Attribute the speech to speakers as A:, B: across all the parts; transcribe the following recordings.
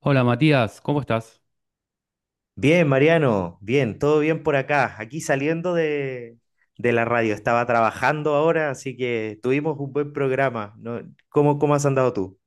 A: Hola Matías, ¿cómo estás?
B: Bien, Mariano, bien, todo bien por acá. Aquí saliendo de la radio, estaba trabajando ahora, así que tuvimos un buen programa, ¿no? ¿Cómo has andado tú?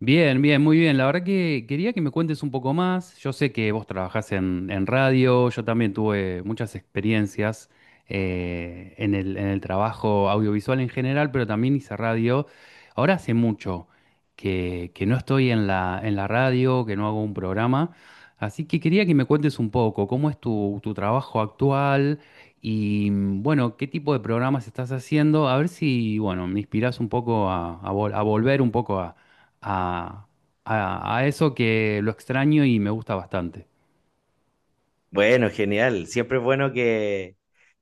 A: Bien, bien, muy bien. La verdad que quería que me cuentes un poco más. Yo sé que vos trabajás en radio, yo también tuve muchas experiencias en el trabajo audiovisual en general, pero también hice radio. Ahora hace mucho que no estoy en la radio, que no hago un programa, así que quería que me cuentes un poco cómo es tu trabajo actual y bueno, qué tipo de programas estás haciendo, a ver si, bueno, me inspirás un poco a volver un poco a, a eso que lo extraño y me gusta bastante.
B: Bueno, genial. Siempre es bueno que,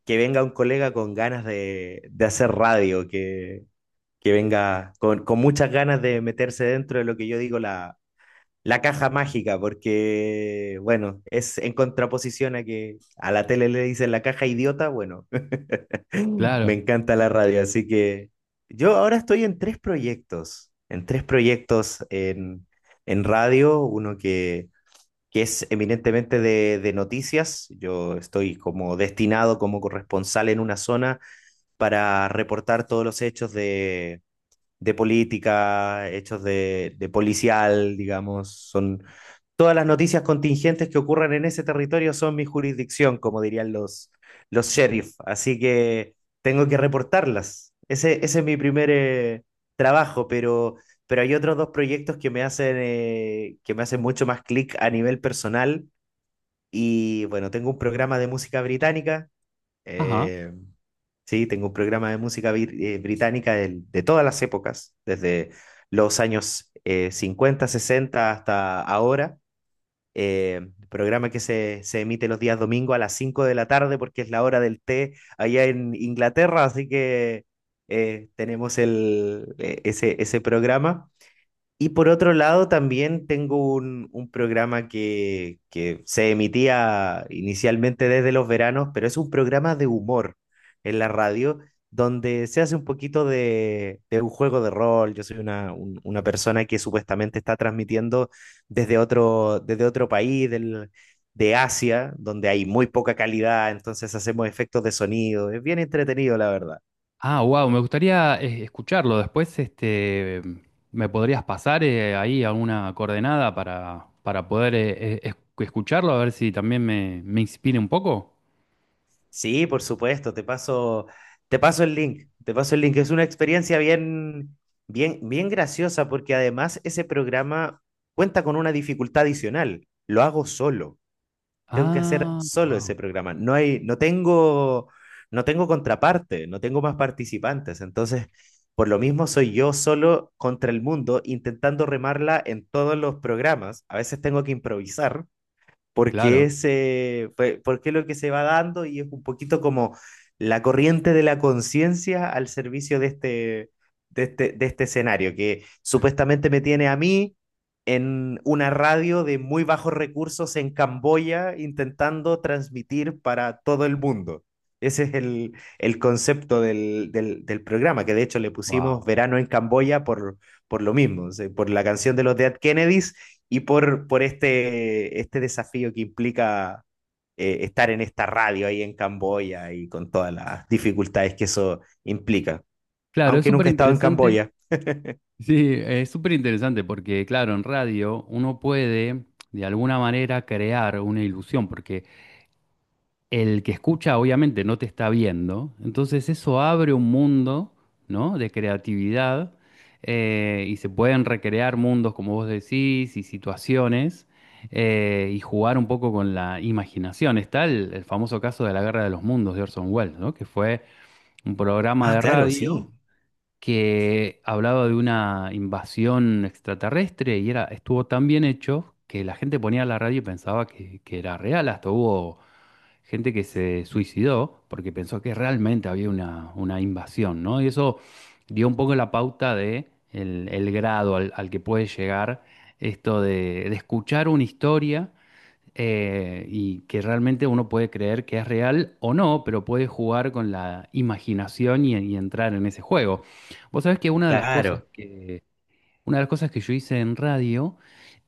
B: que venga un colega con ganas de hacer radio, que venga con muchas ganas de meterse dentro de lo que yo digo la caja mágica, porque, bueno, es en contraposición a que a la tele le dicen la caja idiota, bueno. Me
A: Claro.
B: encanta la radio, así que yo ahora estoy en tres proyectos, en radio, uno que es eminentemente de noticias. Yo estoy como destinado como corresponsal en una zona para reportar todos los hechos de política, hechos de policial, digamos. Son todas las noticias contingentes que ocurran en ese territorio son mi jurisdicción, como dirían los sheriff, así que tengo que reportarlas. Ese es mi primer trabajo, pero hay otros dos proyectos que me hacen mucho más clic a nivel personal. Y bueno, tengo un programa de música británica.
A: Ajá.
B: eh, Sí, tengo un programa de música británica de todas las épocas, desde los años 50, 60 hasta ahora. Programa que se emite los días domingo a las 5 de la tarde porque es la hora del té allá en Inglaterra, así que tenemos ese programa. Y por otro lado, también tengo un programa que se emitía inicialmente desde los veranos, pero es un programa de humor en la radio, donde se hace un poquito de un juego de rol. Yo soy una persona que supuestamente está transmitiendo desde otro país de Asia, donde hay muy poca calidad, entonces hacemos efectos de sonido. Es bien entretenido, la verdad.
A: Ah, wow, me gustaría escucharlo. Después, este, ¿me podrías pasar ahí alguna coordenada para poder escucharlo? A ver si también me inspire un poco.
B: Sí, por supuesto, te paso el link. Es una experiencia bien, bien, bien graciosa porque además ese programa cuenta con una dificultad adicional. Lo hago solo, tengo que hacer
A: Ah,
B: solo ese
A: wow,
B: programa. No tengo contraparte, no tengo más participantes. Entonces, por lo mismo soy yo solo contra el mundo intentando remarla en todos los programas. A veces tengo que improvisar porque
A: claro,
B: es, eh, pe- porque es lo que se va dando y es un poquito como la corriente de la conciencia al servicio de este escenario, que supuestamente me tiene a mí en una radio de muy bajos recursos en Camboya intentando transmitir para todo el mundo. Ese es el concepto del programa, que de hecho le pusimos
A: wow.
B: Verano en Camboya por, lo mismo, o sea, por la canción de los Dead Kennedys y por este desafío que implica estar en esta radio ahí en Camboya y con todas las dificultades que eso implica.
A: Claro, es
B: Aunque
A: súper
B: nunca he estado en
A: interesante.
B: Camboya.
A: Sí, es súper interesante porque, claro, en radio uno puede de alguna manera crear una ilusión, porque el que escucha obviamente no te está viendo, entonces eso abre un mundo, ¿no? De creatividad y se pueden recrear mundos, como vos decís, y situaciones y jugar un poco con la imaginación. Está el famoso caso de la Guerra de los Mundos de Orson Welles, ¿no? Que fue un programa
B: Ah,
A: de
B: claro,
A: radio
B: sí,
A: que hablaba de una invasión extraterrestre y era, estuvo tan bien hecho que la gente ponía la radio y pensaba que era real, hasta hubo gente que se suicidó porque pensó que realmente había una invasión, ¿no? Y eso dio un poco la pauta de el grado al que puede llegar esto de escuchar una historia y que realmente uno puede creer que es real o no, pero puede jugar con la imaginación y entrar en ese juego. Vos sabés que
B: claro.
A: una de las cosas que yo hice en radio,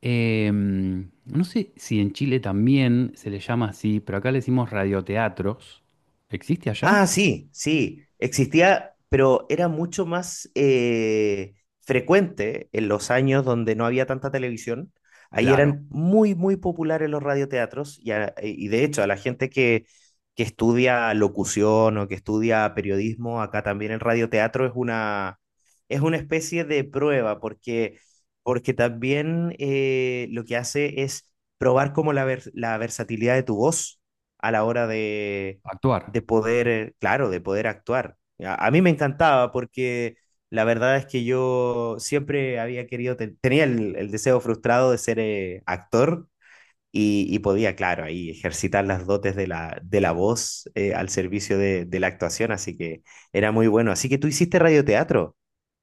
A: no sé si en Chile también se le llama así, pero acá le decimos radioteatros. ¿Existe allá?
B: Ah, sí, sí, existía, pero era mucho más frecuente en los años donde no había tanta televisión. Ahí
A: Claro,
B: eran muy, muy populares los radioteatros, y de hecho a la gente que estudia locución o que estudia periodismo, acá también el radioteatro es una especie de prueba porque, también lo que hace es probar como la versatilidad de tu voz a la hora de
A: actuar.
B: de poder, claro, de poder actuar. A mí me encantaba porque la verdad es que yo siempre había querido, tenía el deseo frustrado de ser actor, y podía, claro, ahí ejercitar las dotes de la voz al servicio de la actuación, así que era muy bueno. Así que tú hiciste radioteatro.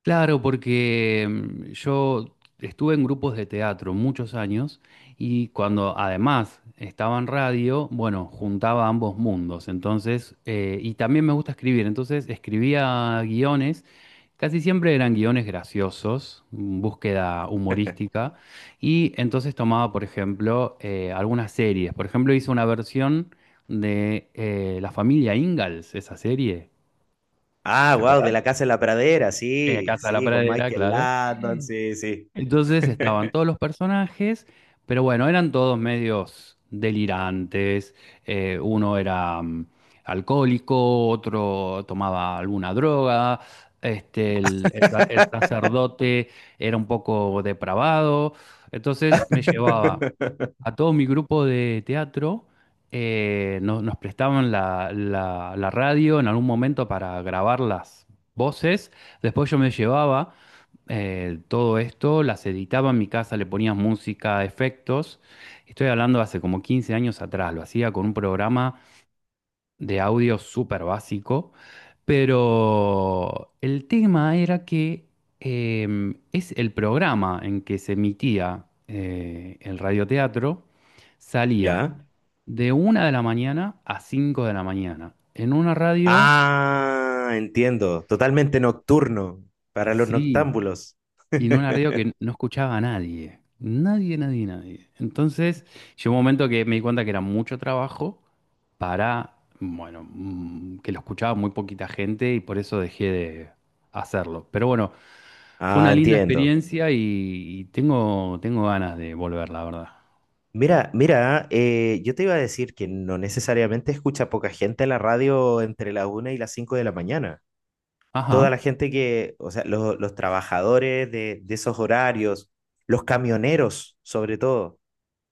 A: Claro, porque yo estuve en grupos de teatro muchos años y cuando además estaba en radio, bueno, juntaba ambos mundos. Entonces, y también me gusta escribir, entonces escribía guiones. Casi siempre eran guiones graciosos, búsqueda humorística, y entonces tomaba, por ejemplo, algunas series. Por ejemplo, hizo una versión de La familia Ingalls, esa serie.
B: Ah,
A: ¿Te
B: wow, de
A: acordás?
B: la casa en la pradera, sí,
A: Casa de la
B: sí, con
A: Pradera,
B: Michael
A: claro.
B: Landon, sí, sí.
A: Entonces estaban todos los personajes, pero bueno, eran todos medios delirantes. Uno era alcohólico, otro tomaba alguna droga, este, el sacerdote era un poco depravado. Entonces me llevaba a todo mi grupo de teatro, nos prestaban la radio en algún momento para grabar las voces. Después yo me llevaba todo esto, las editaba en mi casa, le ponía música, efectos. Estoy hablando de hace como 15 años atrás, lo hacía con un programa de audio súper básico, pero el tema era que es el programa en que se emitía el radioteatro, salía
B: ¿Ya?
A: de 1 de la mañana a 5 de la mañana, en una radio,
B: Ah, entiendo. Totalmente nocturno para los
A: sí.
B: noctámbulos.
A: Y en una radio que no escuchaba a nadie. Nadie, nadie, nadie. Entonces, llegó un momento que me di cuenta que era mucho trabajo para, bueno, que lo escuchaba muy poquita gente y por eso dejé de hacerlo. Pero bueno, fue
B: Ah,
A: una linda
B: entiendo.
A: experiencia y tengo, tengo ganas de volver, la verdad.
B: Mira, mira, yo te iba a decir que no necesariamente escucha poca gente la radio entre la una y las 5 de la mañana. Toda la
A: Ajá.
B: gente que, o sea, los trabajadores de esos horarios, los camioneros sobre todo,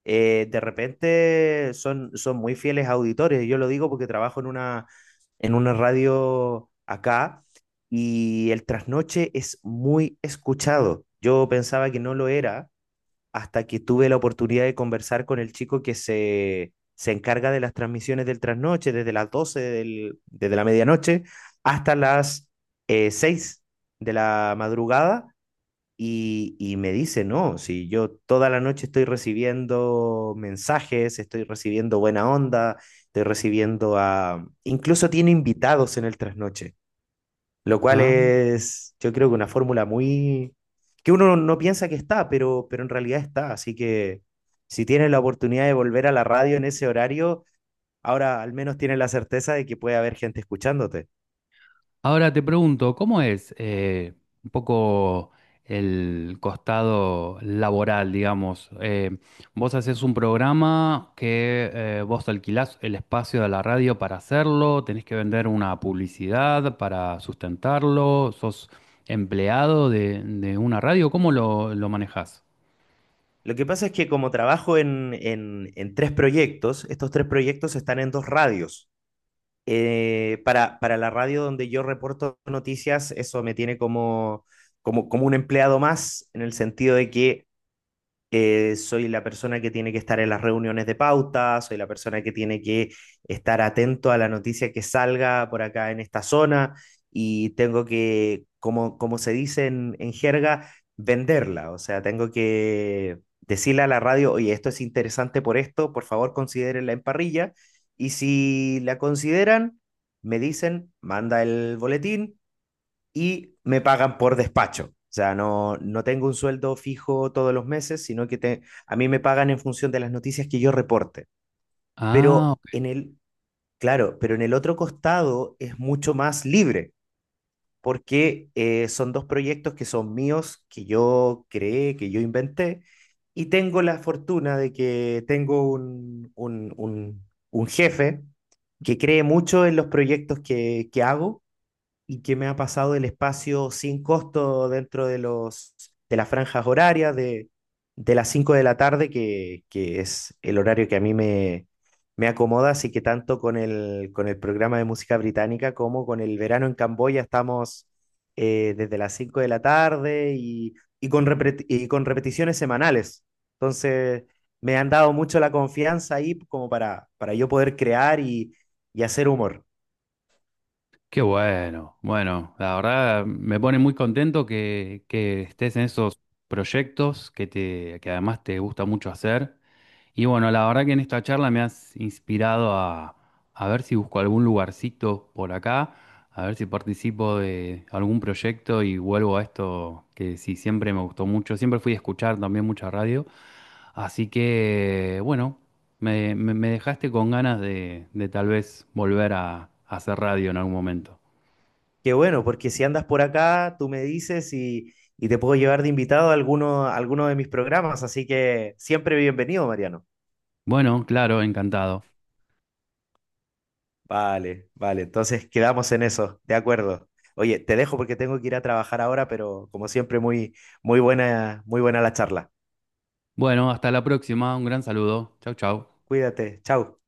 B: de repente son muy fieles auditores. Yo lo digo porque trabajo en una radio acá y el trasnoche es muy escuchado. Yo pensaba que no lo era hasta que tuve la oportunidad de conversar con el chico que se encarga de las transmisiones del trasnoche desde las 12 desde la medianoche hasta las 6 de la madrugada, y me dice, no, si yo toda la noche estoy recibiendo mensajes, estoy recibiendo buena onda, estoy recibiendo a. Incluso tiene invitados en el trasnoche, lo cual
A: Ah.
B: es, yo creo que una fórmula muy. Que uno no piensa que está, pero en realidad está. Así que si tienes la oportunidad de volver a la radio en ese horario, ahora al menos tienes la certeza de que puede haber gente escuchándote.
A: Ahora te pregunto, ¿cómo es un poco el costado laboral, digamos? Vos haces un programa que vos alquilás el espacio de la radio para hacerlo, tenés que vender una publicidad para sustentarlo, sos empleado de una radio, ¿cómo lo manejás?
B: Lo que pasa es que como trabajo en tres proyectos, estos tres proyectos están en dos radios. Para la radio donde yo reporto noticias, eso me tiene como un empleado más, en el sentido de que soy la persona que tiene que estar en las reuniones de pauta, soy la persona que tiene que estar atento a la noticia que salga por acá en esta zona y tengo que, como se dice en jerga, venderla. O sea, tengo que decirle a la radio, oye, esto es interesante por esto, por favor considérenla en parrilla. Y si la consideran, me dicen, manda el boletín y me pagan por despacho. O sea, no tengo un sueldo fijo todos los meses, sino que a mí me pagan en función de las noticias que yo reporte.
A: Ah,
B: Pero en el, claro, pero en el otro costado es mucho más libre, porque son dos proyectos que son míos, que yo creé, que yo inventé, y tengo la fortuna de que tengo un jefe que cree mucho en los proyectos que hago y que me ha pasado del espacio sin costo dentro de las franjas horarias de las 5 de la tarde, que es el horario que a mí me acomoda, así que tanto con el programa de música británica como con el verano en Camboya estamos desde las 5 de la tarde, y con repeticiones semanales. Entonces, me han dado mucho la confianza ahí como para yo poder crear y hacer humor.
A: qué bueno, bueno, la verdad me pone muy contento que estés en esos proyectos que te, que además te gusta mucho hacer. Y bueno, la verdad que en esta charla me has inspirado a ver si busco algún lugarcito por acá, a ver si participo de algún proyecto y vuelvo a esto que sí siempre me gustó mucho. Siempre fui a escuchar también mucha radio. Así que bueno. Me dejaste con ganas de tal vez volver a hacer radio en algún momento.
B: Qué bueno, porque si andas por acá, tú me dices y te puedo llevar de invitado a alguno, de mis programas, así que siempre bienvenido, Mariano.
A: Bueno, claro, encantado.
B: Vale, vale, entonces quedamos en eso, de acuerdo. Oye, te dejo porque tengo que ir a trabajar ahora, pero como siempre, muy, muy buena la charla.
A: Bueno, hasta la próxima. Un gran saludo. Chau, chau.
B: Cuídate, chao.